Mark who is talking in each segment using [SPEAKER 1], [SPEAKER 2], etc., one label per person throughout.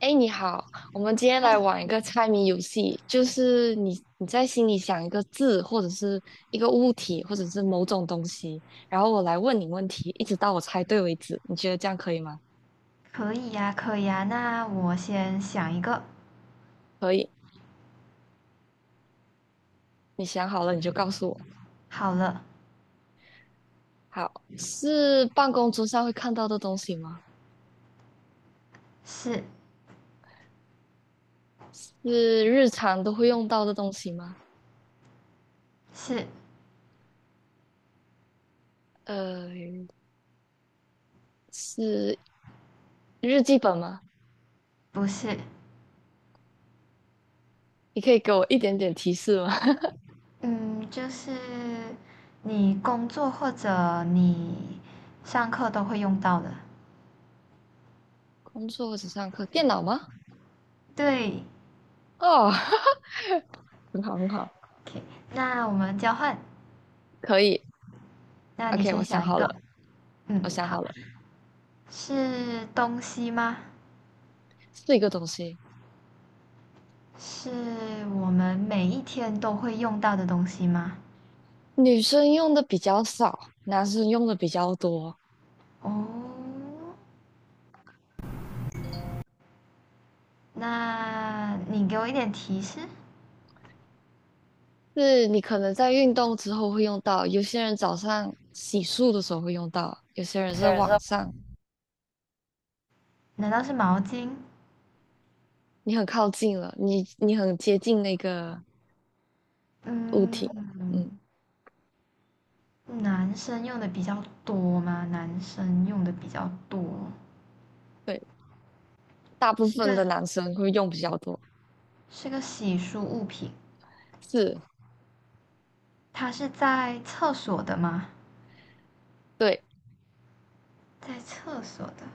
[SPEAKER 1] 哎，你好，我们今天
[SPEAKER 2] 嗨，
[SPEAKER 1] 来玩一个猜谜游戏，就是你在心里想一个字，或者是一个物体，或者是某种东西，然后我来问你问题，一直到我猜对为止。你觉得这样可以吗？
[SPEAKER 2] 可以呀，可以呀。那我先想一个。
[SPEAKER 1] 可以，你想好了你就告诉我。
[SPEAKER 2] 好了，
[SPEAKER 1] 好，是办公桌上会看到的东西吗？
[SPEAKER 2] 是，
[SPEAKER 1] 是日常都会用到的东西吗？
[SPEAKER 2] 是，
[SPEAKER 1] 呃，是日记本吗？
[SPEAKER 2] 不是？
[SPEAKER 1] 你可以给我一点点提示吗？
[SPEAKER 2] 嗯，就是你工作或者你上课都会用到的。
[SPEAKER 1] 工作或者上课，电脑吗？
[SPEAKER 2] 对
[SPEAKER 1] 哦，很好很好。
[SPEAKER 2] ，OK。那我们交换。
[SPEAKER 1] 可以
[SPEAKER 2] 那你
[SPEAKER 1] ，OK，我
[SPEAKER 2] 先
[SPEAKER 1] 想
[SPEAKER 2] 想一
[SPEAKER 1] 好
[SPEAKER 2] 个。
[SPEAKER 1] 了，
[SPEAKER 2] 嗯，
[SPEAKER 1] 我想
[SPEAKER 2] 好。
[SPEAKER 1] 好了，
[SPEAKER 2] 是东西吗？
[SPEAKER 1] 四个东西，
[SPEAKER 2] 是我们每一天都会用到的东西吗？
[SPEAKER 1] 女生用的比较少，男生用的比较多。
[SPEAKER 2] 哦，那你给我一点提示。
[SPEAKER 1] 是你可能在运动之后会用到，有些人早上洗漱的时候会用到，有些人是晚上，
[SPEAKER 2] 难道是毛巾？
[SPEAKER 1] 你很靠近了，你很接近那个物体，
[SPEAKER 2] 嗯，
[SPEAKER 1] 嗯，
[SPEAKER 2] 男生用的比较多吗？男生用的比较多，
[SPEAKER 1] 对，大部
[SPEAKER 2] 是
[SPEAKER 1] 分
[SPEAKER 2] 个
[SPEAKER 1] 的男生会用比较多，
[SPEAKER 2] 是个洗漱物品。
[SPEAKER 1] 是，
[SPEAKER 2] 它是在厕所的吗？
[SPEAKER 1] 对。
[SPEAKER 2] 在厕所的，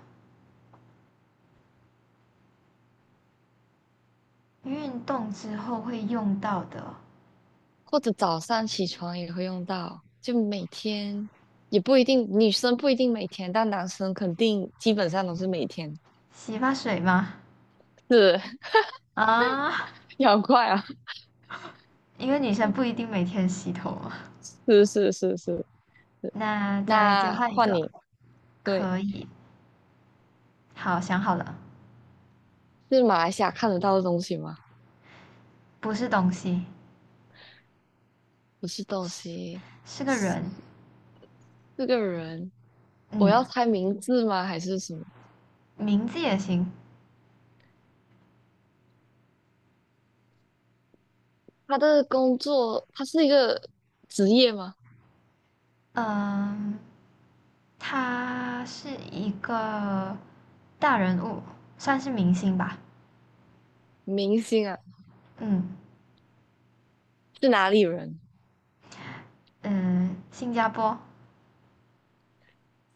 [SPEAKER 2] 运动之后会用到的
[SPEAKER 1] 或者早上起床也会用到，就每天也不一定，女生不一定每天，但男生肯定基本上都是每天。
[SPEAKER 2] 洗发水吗？
[SPEAKER 1] 是，
[SPEAKER 2] 啊，
[SPEAKER 1] 你好快啊！
[SPEAKER 2] 因为女生不一定每天洗头嘛。
[SPEAKER 1] 是是是是是。
[SPEAKER 2] 那再交
[SPEAKER 1] 那
[SPEAKER 2] 换一
[SPEAKER 1] 换
[SPEAKER 2] 个，
[SPEAKER 1] 你，对，
[SPEAKER 2] 可以。好，想好了，
[SPEAKER 1] 是马来西亚看得到的东西吗？
[SPEAKER 2] 不是东西，
[SPEAKER 1] 不是东西，
[SPEAKER 2] 是个人。
[SPEAKER 1] 是个人。我
[SPEAKER 2] 嗯，
[SPEAKER 1] 要猜名字吗？还是什么？
[SPEAKER 2] 名字也行。
[SPEAKER 1] 他的工作，他是一个职业吗？
[SPEAKER 2] 嗯，他是一个大人物，算是明星吧。
[SPEAKER 1] 明星啊，
[SPEAKER 2] 嗯，
[SPEAKER 1] 是哪里人？
[SPEAKER 2] 嗯，新加坡，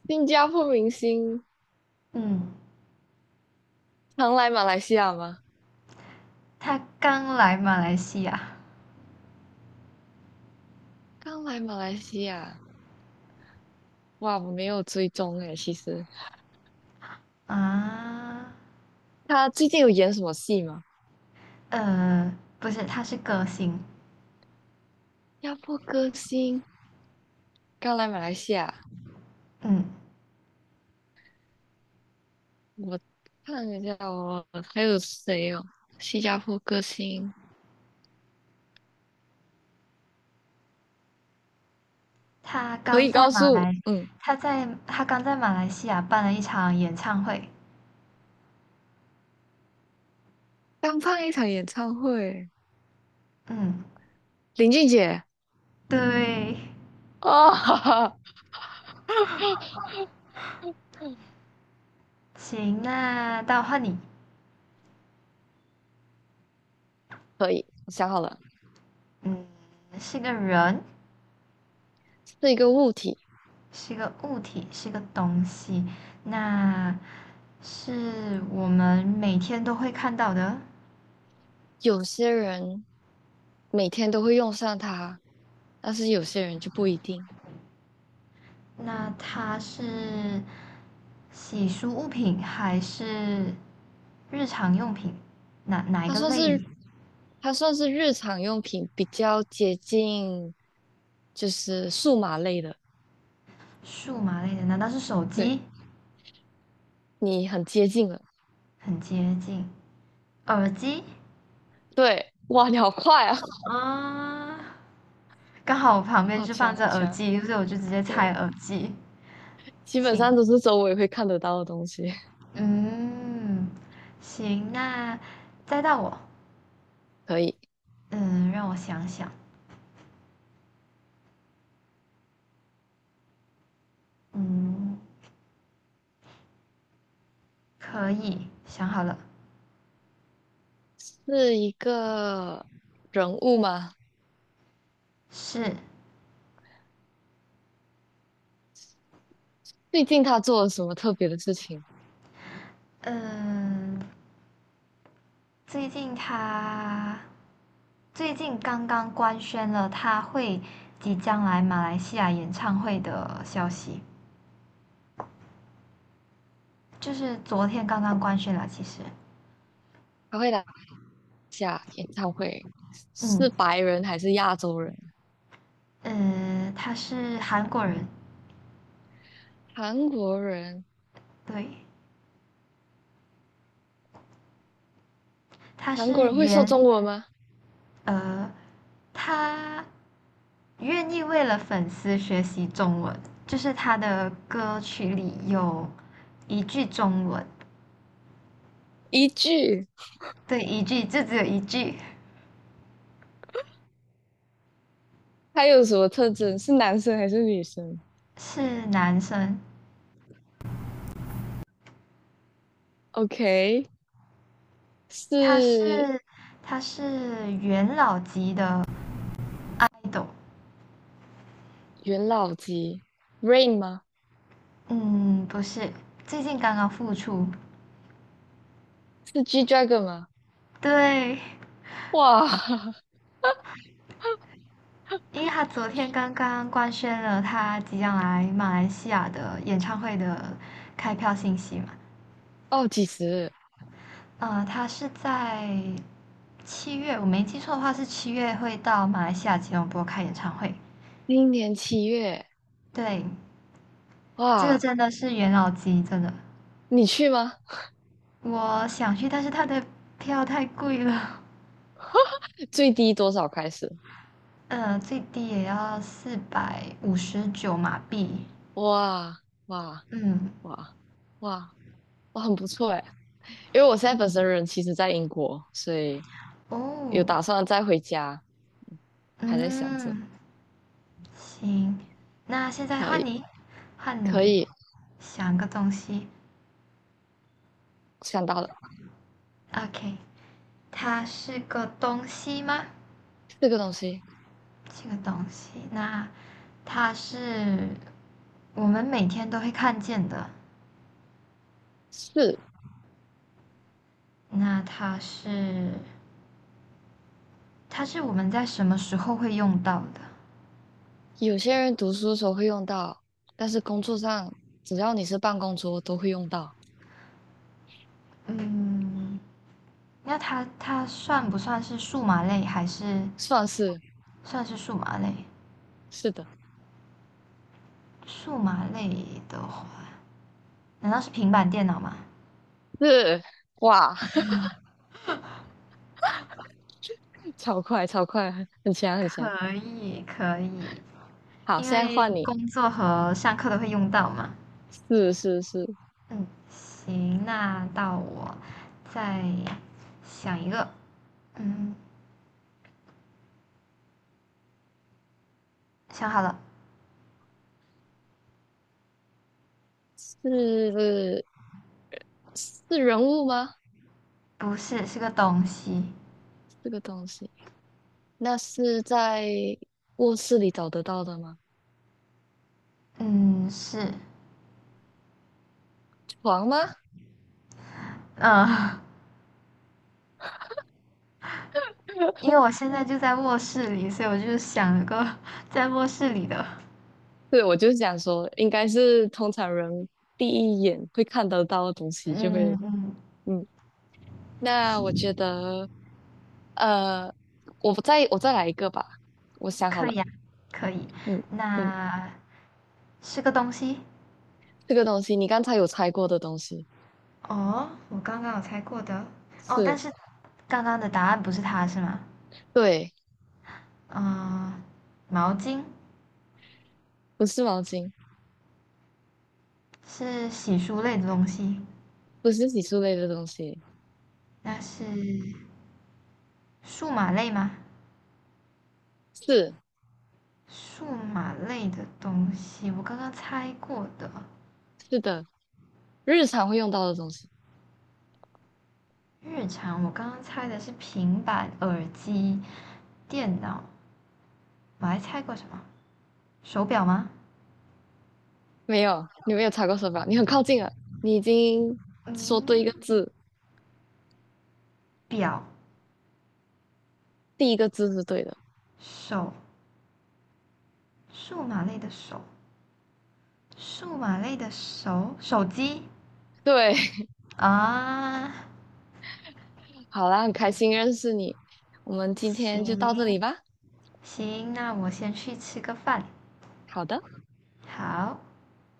[SPEAKER 1] 新加坡明星
[SPEAKER 2] 嗯，
[SPEAKER 1] 常来马来西亚吗？
[SPEAKER 2] 他刚来马来西亚。
[SPEAKER 1] 刚来马来西亚，哇，我没有追踪诶，其实
[SPEAKER 2] 啊，
[SPEAKER 1] 他最近有演什么戏吗？
[SPEAKER 2] 呃，不是，他是歌星。
[SPEAKER 1] 压迫歌星刚来马来西亚，
[SPEAKER 2] 嗯，
[SPEAKER 1] 我看一下哦，还有谁哦？新加坡歌星
[SPEAKER 2] 他
[SPEAKER 1] 可
[SPEAKER 2] 刚
[SPEAKER 1] 以
[SPEAKER 2] 在
[SPEAKER 1] 告
[SPEAKER 2] 马
[SPEAKER 1] 诉，
[SPEAKER 2] 来，
[SPEAKER 1] 嗯，
[SPEAKER 2] 他刚在马来西亚办了一场演唱会。
[SPEAKER 1] 刚办一场演唱会，
[SPEAKER 2] 嗯，
[SPEAKER 1] 林俊杰
[SPEAKER 2] 对，
[SPEAKER 1] 哦，哈哈，
[SPEAKER 2] 行，那到换你。
[SPEAKER 1] 可以，我想好了，
[SPEAKER 2] 嗯，是个人，
[SPEAKER 1] 是一个物体，
[SPEAKER 2] 是个物体，是个东西，那是我们每天都会看到的。
[SPEAKER 1] 有些人每天都会用上它，但是有些人就不一定。
[SPEAKER 2] 那它是洗漱物品还是日常用品？哪一
[SPEAKER 1] 他
[SPEAKER 2] 个
[SPEAKER 1] 算
[SPEAKER 2] 类？
[SPEAKER 1] 是它算是日常用品，比较接近，就是数码类的。
[SPEAKER 2] 数码类的？难道是手
[SPEAKER 1] 对，
[SPEAKER 2] 机？
[SPEAKER 1] 你很接近了。
[SPEAKER 2] 很接近。耳机
[SPEAKER 1] 对，哇，你好快啊，
[SPEAKER 2] 啊，刚好我旁 边
[SPEAKER 1] 好
[SPEAKER 2] 就放
[SPEAKER 1] 强，
[SPEAKER 2] 着
[SPEAKER 1] 好
[SPEAKER 2] 耳
[SPEAKER 1] 强。
[SPEAKER 2] 机，所以我就直接猜
[SPEAKER 1] 对，
[SPEAKER 2] 耳机。
[SPEAKER 1] 基本
[SPEAKER 2] 行，
[SPEAKER 1] 上都是周围会看得到的东西。
[SPEAKER 2] 嗯，行，那再到我。
[SPEAKER 1] 可以，
[SPEAKER 2] 嗯，让我想想，嗯，可以，想好了，
[SPEAKER 1] 是一个人物吗？
[SPEAKER 2] 是。
[SPEAKER 1] 最近他做了什么特别的事情？
[SPEAKER 2] 嗯，最近他最近刚刚官宣了他会即将来马来西亚演唱会的消息，就是昨天刚刚官宣了，其实。
[SPEAKER 1] 他会来下演唱会，
[SPEAKER 2] 嗯，
[SPEAKER 1] 是白人还是亚洲人？
[SPEAKER 2] 他是韩国人。
[SPEAKER 1] 韩国人？
[SPEAKER 2] 对，他
[SPEAKER 1] 韩国
[SPEAKER 2] 是
[SPEAKER 1] 人会说
[SPEAKER 2] 原
[SPEAKER 1] 中文吗？
[SPEAKER 2] 呃，他愿意为了粉丝学习中文，就是他的歌曲里有一句中文。
[SPEAKER 1] 一句。
[SPEAKER 2] 对，一句，就只有一句，
[SPEAKER 1] 它有什么特征？是男生还是女生
[SPEAKER 2] 是男生。
[SPEAKER 1] ？OK，
[SPEAKER 2] 他是
[SPEAKER 1] 是
[SPEAKER 2] 他是元老级的 idol。
[SPEAKER 1] 元老级 Rain 吗？
[SPEAKER 2] 嗯，不是，最近刚刚复出。
[SPEAKER 1] 是 G Dragon 吗？
[SPEAKER 2] 对，
[SPEAKER 1] 哇，
[SPEAKER 2] 因为他昨天刚刚官宣了他即将来马来西亚的演唱会的开票信息嘛。
[SPEAKER 1] 哦，几时？
[SPEAKER 2] 他是在七月，我没记错的话是七月会到马来西亚吉隆坡开演唱会。
[SPEAKER 1] 今年7月。
[SPEAKER 2] 对，这个
[SPEAKER 1] 哇，
[SPEAKER 2] 真的是元老级，真的。
[SPEAKER 1] 你去吗？
[SPEAKER 2] 我想去，但是他的票太贵了。
[SPEAKER 1] 最低多少开始？
[SPEAKER 2] 最低也要459马币。
[SPEAKER 1] 哇哇
[SPEAKER 2] 嗯，
[SPEAKER 1] 哇哇，哇，很不错哎。因为我现在本身人其实在英国，所以有
[SPEAKER 2] 哦，
[SPEAKER 1] 打算再回家，还在想着，
[SPEAKER 2] 嗯，行，那现在
[SPEAKER 1] 可
[SPEAKER 2] 换
[SPEAKER 1] 以
[SPEAKER 2] 你，换
[SPEAKER 1] 可
[SPEAKER 2] 你
[SPEAKER 1] 以
[SPEAKER 2] 想个东西。
[SPEAKER 1] 想到了，
[SPEAKER 2] OK，它是个东西吗？
[SPEAKER 1] 四个东西
[SPEAKER 2] 这个东西，那它是我们每天都会看见的，
[SPEAKER 1] 是。
[SPEAKER 2] 那它是我们在什么时候会用到的？
[SPEAKER 1] 有些人读书的时候会用到，但是工作上只要你是办公桌都会用到，
[SPEAKER 2] 嗯，那它算不算是数码类，还是
[SPEAKER 1] 算是
[SPEAKER 2] 算是数码类？
[SPEAKER 1] 是的，
[SPEAKER 2] 数码类的话，难道是平板电脑吗？
[SPEAKER 1] 是哇，超快超快，很强很强。
[SPEAKER 2] 可以，可以，
[SPEAKER 1] 好，
[SPEAKER 2] 因
[SPEAKER 1] 现在
[SPEAKER 2] 为
[SPEAKER 1] 换你，
[SPEAKER 2] 工作和上课都会用到嘛。
[SPEAKER 1] 是是是
[SPEAKER 2] 嗯，行，那到我再想一个。嗯，想好了，
[SPEAKER 1] 是是人物吗？
[SPEAKER 2] 不是，是个东西。
[SPEAKER 1] 这个东西，那是在卧室里找得到的吗？
[SPEAKER 2] 嗯，是，
[SPEAKER 1] 床吗？
[SPEAKER 2] 嗯、因为 我现在就在卧室里，所以我就想了个 在卧室里的。
[SPEAKER 1] 对，我就想说，应该是通常人第一眼会看得到的东西，就
[SPEAKER 2] 嗯
[SPEAKER 1] 会
[SPEAKER 2] 嗯，
[SPEAKER 1] 嗯那我
[SPEAKER 2] 行，
[SPEAKER 1] 觉得，呃，我再来一个吧。我想好
[SPEAKER 2] 可
[SPEAKER 1] 了，
[SPEAKER 2] 以啊，可以。
[SPEAKER 1] 嗯嗯，
[SPEAKER 2] 那是个东西。
[SPEAKER 1] 这个东西你刚才有猜过的东西
[SPEAKER 2] 哦，我刚刚有猜过的。哦，但
[SPEAKER 1] 是，
[SPEAKER 2] 是刚刚的答案不是它是吗？
[SPEAKER 1] 对，
[SPEAKER 2] 嗯、毛巾。
[SPEAKER 1] 不是毛巾，
[SPEAKER 2] 是洗漱类的东西，
[SPEAKER 1] 不是洗漱类的东西，
[SPEAKER 2] 那是数码类吗？
[SPEAKER 1] 是
[SPEAKER 2] 数码类的东西，我刚刚猜过的。
[SPEAKER 1] 是的，日常会用到的东西。
[SPEAKER 2] 日常我刚刚猜的是平板、耳机、电脑，我还猜过什么？手表吗？
[SPEAKER 1] 没有，你没有猜过手表，你很靠近了，你已经说对
[SPEAKER 2] 嗯，
[SPEAKER 1] 一个字，
[SPEAKER 2] 表、
[SPEAKER 1] 第一个字是对的。
[SPEAKER 2] 手，数码类的手，数码类的手，手机
[SPEAKER 1] 对，
[SPEAKER 2] 啊。
[SPEAKER 1] 好啦，很开心认识你，我们今天就到这
[SPEAKER 2] 行，
[SPEAKER 1] 里吧。
[SPEAKER 2] 行，那我先去吃个饭。
[SPEAKER 1] 好的。
[SPEAKER 2] 好。